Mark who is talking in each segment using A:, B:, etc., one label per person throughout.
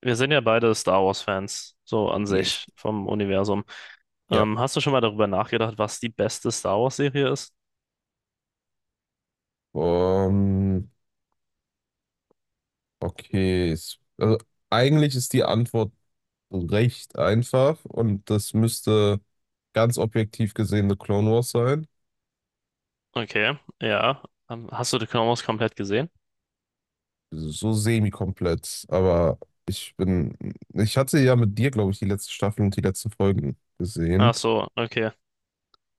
A: Wir sind ja beide Star Wars-Fans, so an
B: Yes.
A: sich vom Universum.
B: Ja.
A: Hast du schon mal darüber nachgedacht, was die beste Star Wars-Serie ist?
B: Ähm, okay. Also eigentlich ist die Antwort recht einfach und das müsste ganz objektiv gesehen The Clone Wars sein.
A: Okay, ja. Hast du The Clone Wars komplett gesehen?
B: So semi-komplett, aber ich bin. ich hatte ja mit dir, glaube ich, die letzte Staffel und die letzten Folgen
A: Ach
B: gesehen.
A: so, okay.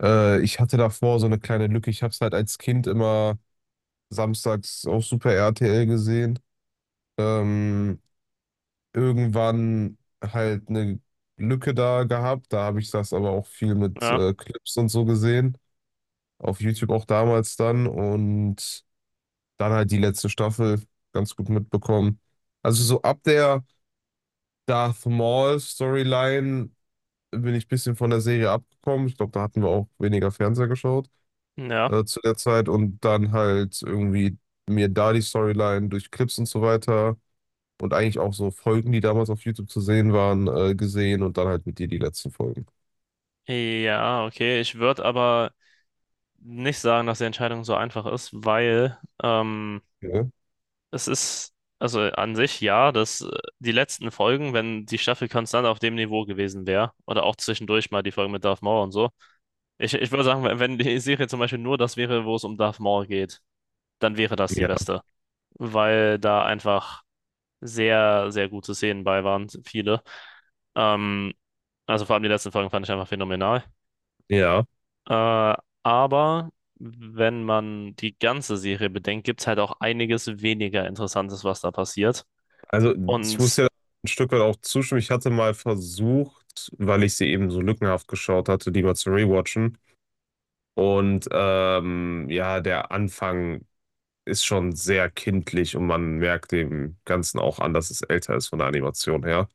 B: Ich hatte davor so eine kleine Lücke. Ich habe es halt als Kind immer samstags auf Super RTL gesehen. Ähm, Irgendwann halt eine Lücke da gehabt. Da habe ich das aber auch viel mit
A: Ja,
B: Clips und so gesehen. Auf YouTube auch damals dann. Und dann halt die letzte Staffel ganz gut mitbekommen. Also so ab der Darth Maul Storyline bin ich ein bisschen von der Serie abgekommen. Ich glaube, da hatten wir auch weniger Fernseher geschaut
A: ja.
B: zu der Zeit. Und dann halt irgendwie mir da die Storyline durch Clips und so weiter und eigentlich auch so Folgen, die damals auf YouTube zu sehen waren, gesehen und dann halt mit dir die letzten Folgen.
A: Ja, okay. Ich würde aber nicht sagen, dass die Entscheidung so einfach ist, weil
B: Ja.
A: es ist, also an sich ja, dass die letzten Folgen, wenn die Staffel konstant auf dem Niveau gewesen wäre, oder auch zwischendurch mal die Folgen mit Darth Maul und so, ich würde sagen, wenn die Serie zum Beispiel nur das wäre, wo es um Darth Maul geht, dann wäre das die beste, weil da einfach sehr, sehr gute Szenen bei waren, viele. Ähm, also vor allem die letzten Folgen fand ich einfach phänomenal.
B: Ja,
A: Äh, aber wenn man die ganze Serie bedenkt, gibt es halt auch einiges weniger Interessantes, was da passiert.
B: also ich muss
A: Und
B: ja ein Stück weit auch zustimmen. Ich hatte mal versucht, weil ich sie eben so lückenhaft geschaut hatte, die mal zu rewatchen. Und ja, der Anfang ist schon sehr kindlich und man merkt dem Ganzen auch an, dass es älter ist von der Animation her.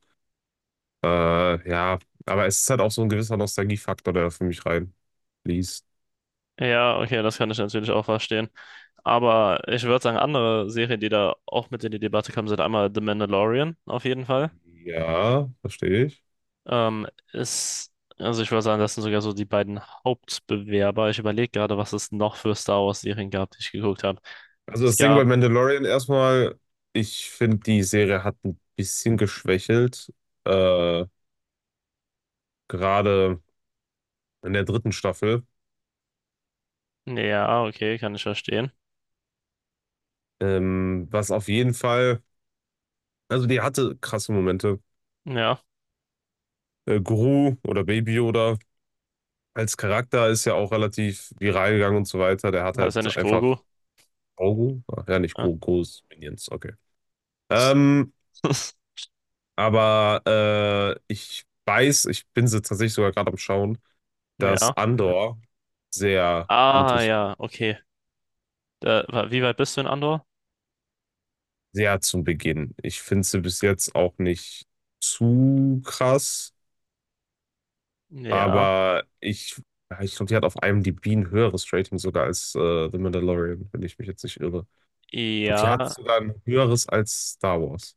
B: Ja, aber es ist halt auch so ein gewisser Nostalgiefaktor, der für mich reinfließt.
A: ja, okay, das kann ich natürlich auch verstehen. Aber ich würde sagen, andere Serien, die da auch mit in die Debatte kommen, sind einmal The Mandalorian auf jeden Fall.
B: Ja, verstehe ich.
A: Ähm, Ist, also ich würde sagen, das sind sogar so die beiden Hauptbewerber. Ich überlege gerade, was es noch für Star Wars-Serien gab, die ich geguckt habe.
B: Also
A: Es
B: das Ding bei
A: gab,
B: Mandalorian erstmal, ich finde, die Serie hat ein bisschen geschwächelt, äh, gerade in der dritten Staffel.
A: ja, okay, kann ich verstehen.
B: Was auf jeden Fall, also die hatte krasse Momente.
A: Ja,
B: Gru oder Baby Yoda als Charakter ist ja auch relativ viral gegangen und so weiter. Der hat
A: heißt ja
B: halt
A: nicht
B: einfach
A: Grogu.
B: Augen. Ach ja, nicht
A: Ja.
B: Gru, Gru ist Minions, okay. Ähm, aber ich weiß, ich bin sie tatsächlich sogar gerade am Schauen,
A: Ja.
B: dass Andor sehr gut
A: Ah,
B: ist.
A: ja, okay. Da, wie weit bist du in Andor?
B: Sehr zum Beginn. Ich finde sie bis jetzt auch nicht zu krass,
A: Ja,
B: aber ich, ja, ich glaube, die hat auf IMDb ein höheres Rating sogar als The Mandalorian, wenn ich mich jetzt nicht irre. Und die hat
A: ja.
B: sogar ein höheres als Star Wars.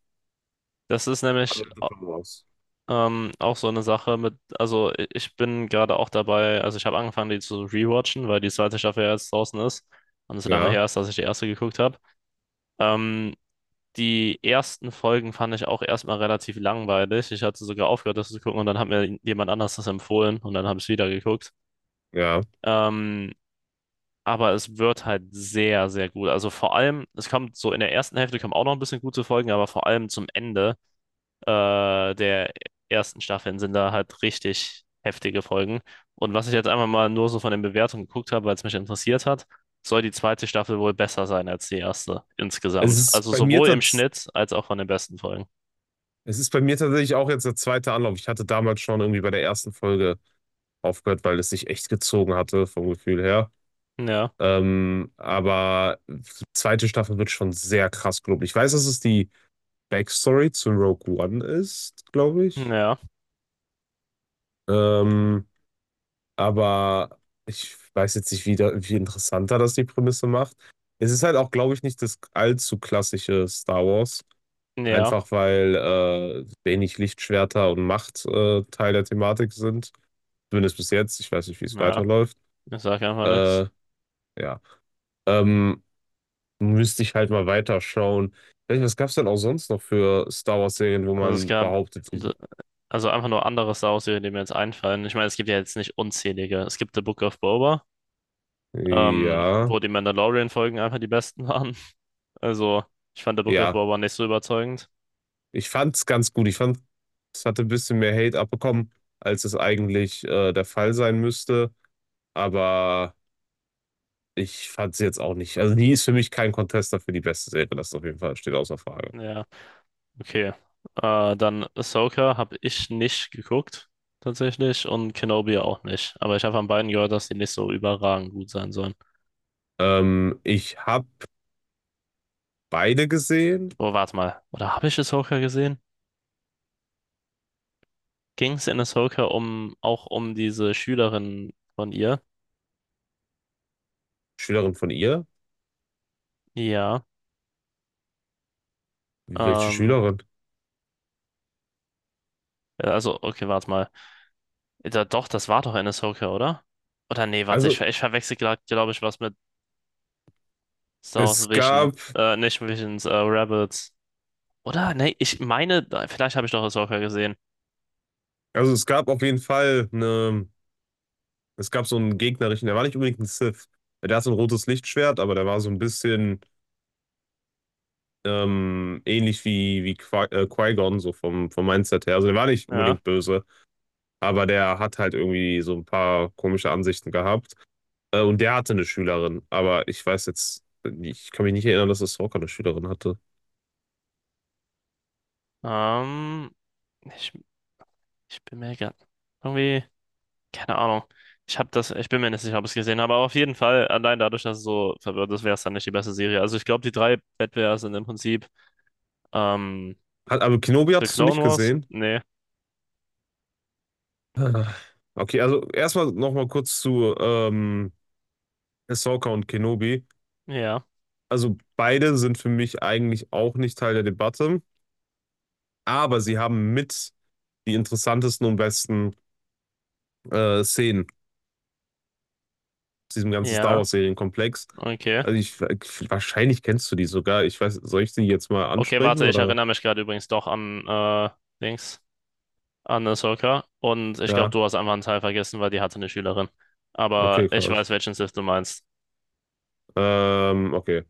A: Das ist nämlich.
B: Alle The Clone Wars.
A: Auch so eine Sache mit, also ich bin gerade auch dabei, also ich habe angefangen, die zu rewatchen, weil die zweite Staffel ja jetzt draußen ist und es so lange
B: Ja,
A: her ist, dass ich die erste geguckt habe. Ähm, Die ersten Folgen fand ich auch erstmal relativ langweilig. Ich hatte sogar aufgehört, das zu gucken und dann hat mir jemand anders das empfohlen und dann habe ich es wieder geguckt.
B: ja.
A: Ähm, aber es wird halt sehr, sehr gut. Also vor allem, es kommt so in der ersten Hälfte kommen auch noch ein bisschen gute Folgen, aber vor allem zum Ende der ersten Staffeln sind da halt richtig heftige Folgen. Und was ich jetzt einmal mal nur so von den Bewertungen geguckt habe, weil es mich interessiert hat, soll die zweite Staffel wohl besser sein als die erste
B: Es
A: insgesamt.
B: ist
A: Also
B: bei mir
A: sowohl im
B: tats
A: Schnitt als auch von den besten Folgen.
B: Es ist bei mir tatsächlich auch jetzt der zweite Anlauf. Ich hatte damals schon irgendwie bei der ersten Folge aufgehört, weil es sich echt gezogen hatte vom Gefühl her.
A: Ja,
B: Aber die zweite Staffel wird schon sehr krass, glaube ich. Ich weiß, dass es die Backstory zu Rogue One ist, glaube ich.
A: ja,
B: Ähm, aber ich weiß jetzt nicht, wie interessanter das die Prämisse macht. Es ist halt auch, glaube ich, nicht das allzu klassische Star Wars.
A: ja,
B: Einfach weil wenig Lichtschwerter und Macht Teil der Thematik sind. Zumindest bis jetzt. Ich weiß nicht, wie es
A: ja.
B: weiterläuft.
A: Ich sage einfach nichts.
B: Äh, ja. Ähm, Müsste ich halt mal weiterschauen. Ich weiß nicht, was gab es denn auch sonst noch für Star Wars-Serien, wo
A: Also es
B: man
A: gab,
B: behauptet,
A: also einfach nur andere Star Wars-Serien, die mir jetzt einfallen. Ich meine, es gibt ja jetzt nicht unzählige. Es gibt The Book of Boba,
B: ja,
A: wo die Mandalorian-Folgen einfach die besten waren. Also, ich fand der Rückaufbau
B: ja,
A: war aber nicht so überzeugend.
B: ich fand's ganz gut. Ich fand, es hatte ein bisschen mehr Hate abbekommen, als es eigentlich der Fall sein müsste. Aber ich fand's jetzt auch nicht. Also die ist für mich kein Contester für die beste Serie. Das auf jeden Fall steht außer Frage.
A: Ja, okay. Dann Ahsoka habe ich nicht geguckt, tatsächlich, und Kenobi auch nicht. Aber ich habe von beiden gehört, dass die nicht so überragend gut sein sollen.
B: Ich habe beide gesehen.
A: Oh, warte mal. Oder habe ich Ahsoka gesehen? Ging es in Ahsoka um, auch um diese Schülerin von ihr?
B: Schülerin von ihr?
A: Ja.
B: Welche
A: Ähm,
B: Schülerin?
A: ja, also, okay, warte mal. Da, doch, das war doch in Ahsoka, oder? Oder nee, warte,
B: Also
A: ich, ich verwechsel gerade, glaube ich, was mit Star Wars
B: es
A: Vision.
B: gab,
A: Nicht Visions, Rebels. Oder? Ne, ich meine, vielleicht habe ich doch das Ahsoka gesehen.
B: also es gab auf jeden Fall eine. Es gab so einen gegnerischen, der war nicht unbedingt ein Sith. Der hat so ein rotes Lichtschwert, aber der war so ein bisschen ähnlich wie, wie Qui-Gon, so vom Mindset her. Also der war nicht
A: Ja.
B: unbedingt böse, aber der hat halt irgendwie so ein paar komische Ansichten gehabt. Und der hatte eine Schülerin, aber ich weiß jetzt, ich kann mich nicht erinnern, dass Ahsoka eine Schülerin hatte.
A: Ähm, Ich, ich bin mir grad irgendwie, keine Ahnung. Ich habe das, ich bin mir nicht sicher, ob ich es gesehen habe, aber auf jeden Fall, allein dadurch, dass es so verwirrt ist, wäre es dann nicht die beste Serie. Also ich glaube, die drei Wettbewerber sind im Prinzip ähm,
B: Hat, aber Kenobi
A: The
B: hattest du
A: Clone
B: nicht
A: Wars?
B: gesehen?
A: Nee.
B: Ah. Okay, also erstmal nochmal kurz zu Ahsoka und Kenobi.
A: Ja.
B: Also beide sind für mich eigentlich auch nicht Teil der Debatte. Aber sie haben mit die interessantesten und besten Szenen aus diesem ganzen Star
A: Ja,
B: Wars-Serienkomplex.
A: okay.
B: Also ich, wahrscheinlich kennst du die sogar. Ich weiß, soll ich die jetzt mal
A: Okay,
B: ansprechen
A: warte, ich
B: oder?
A: erinnere mich gerade übrigens doch an Dings, an Ahsoka. Und ich glaube,
B: Ja,
A: du hast einfach einen Teil vergessen, weil die hatte eine Schülerin. Aber
B: okay,
A: ich
B: krass.
A: weiß, welchen Sith du meinst.
B: Okay.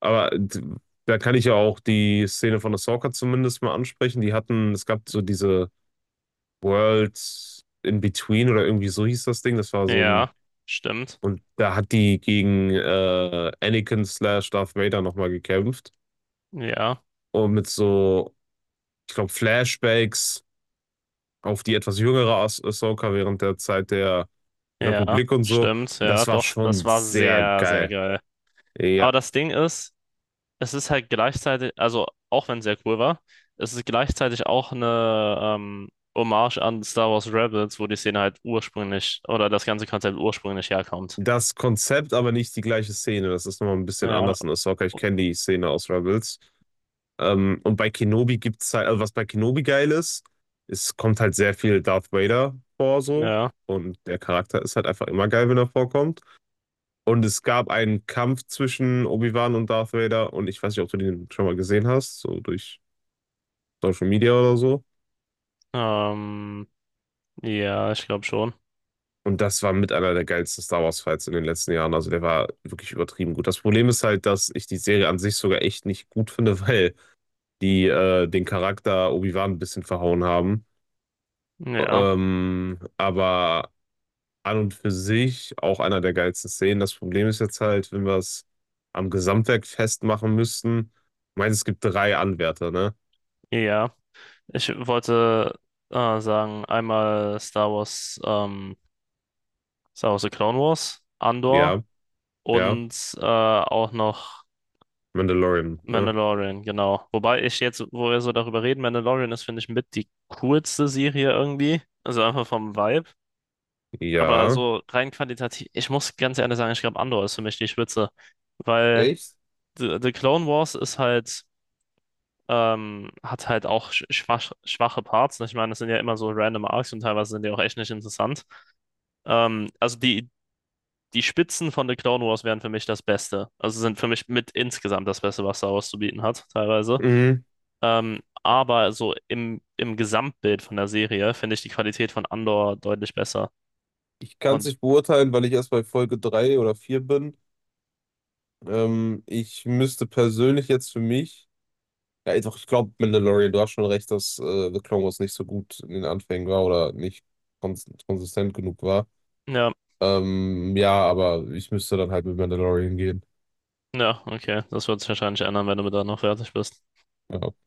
B: Aber d- Da kann ich ja auch die Szene von Ahsoka zumindest mal ansprechen. Die hatten, es gab so diese World in Between oder irgendwie so hieß das Ding. Das war so ein,
A: Ja, stimmt.
B: und da hat die gegen Anakin slash Darth Vader nochmal gekämpft.
A: Ja,
B: Und mit so ich glaube, Flashbacks auf die etwas jüngere Ahsoka während der Zeit der
A: ja,
B: Republik und so.
A: stimmt.
B: Und
A: Ja,
B: das war
A: doch. Das
B: schon
A: war
B: sehr
A: sehr, sehr
B: geil.
A: geil. Aber
B: Ja,
A: das Ding ist, es ist halt gleichzeitig, also auch wenn es sehr cool war, es ist gleichzeitig auch eine Hommage an Star Wars Rebels, wo die Szene halt ursprünglich oder das ganze Konzept ursprünglich herkommt.
B: das Konzept, aber nicht die gleiche Szene. Das ist nochmal ein bisschen
A: Ja,
B: anders in Ahsoka. Ich kenne die Szene aus Rebels. Und bei Kenobi gibt es halt, also was bei Kenobi geil ist, es kommt halt sehr viel Darth Vader vor so.
A: ja,
B: Und der Charakter ist halt einfach immer geil, wenn er vorkommt. Und es gab einen Kampf zwischen Obi-Wan und Darth Vader. Und ich weiß nicht, ob du den schon mal gesehen hast, so durch Social Media oder so.
A: ähm, ja, ich glaube schon.
B: Und das war mit einer der geilsten Star Wars Fights in den letzten Jahren. Also der war wirklich übertrieben gut. Das Problem ist halt, dass ich die Serie an sich sogar echt nicht gut finde, weil die den Charakter Obi-Wan ein bisschen verhauen haben.
A: Ja,
B: Aber an und für sich auch einer der geilsten Szenen. Das Problem ist jetzt halt, wenn wir es am Gesamtwerk festmachen müssten. Ich meine, es gibt drei Anwärter, ne?
A: ja. Ich wollte sagen, einmal Star Wars, Star Wars The Clone Wars, Andor
B: Ja, ja.
A: und auch noch
B: Mandalorian, ne?
A: Mandalorian, genau. Wobei ich jetzt, wo wir so darüber reden, Mandalorian ist, finde ich, mit die coolste Serie irgendwie. Also einfach vom Vibe. Aber
B: Ja.
A: so rein qualitativ, ich muss ganz ehrlich sagen, ich glaube, Andor ist für mich die Spitze. Weil
B: Echt?
A: the Clone Wars ist halt, hat halt auch schwach, schwache Parts. Ich meine, das sind ja immer so random Arcs und teilweise sind die auch echt nicht interessant. Also die Spitzen von The Clone Wars wären für mich das Beste. Also sind für mich mit insgesamt das Beste, was Star Wars zu bieten hat, teilweise.
B: Mhm.
A: Aber so im, im Gesamtbild von der Serie finde ich die Qualität von Andor deutlich besser.
B: Ich kann es
A: Und
B: nicht beurteilen, weil ich erst bei Folge 3 oder 4 bin. Ich müsste persönlich jetzt für mich. Ja, doch, ich glaube, Mandalorian, du hast schon recht, dass The Clone Wars nicht so gut in den Anfängen war oder nicht konsistent genug war.
A: ja,
B: Ja, aber ich müsste dann halt mit Mandalorian gehen.
A: ja, okay. Das wird sich wahrscheinlich ändern, wenn du mit da noch fertig bist.
B: Ja.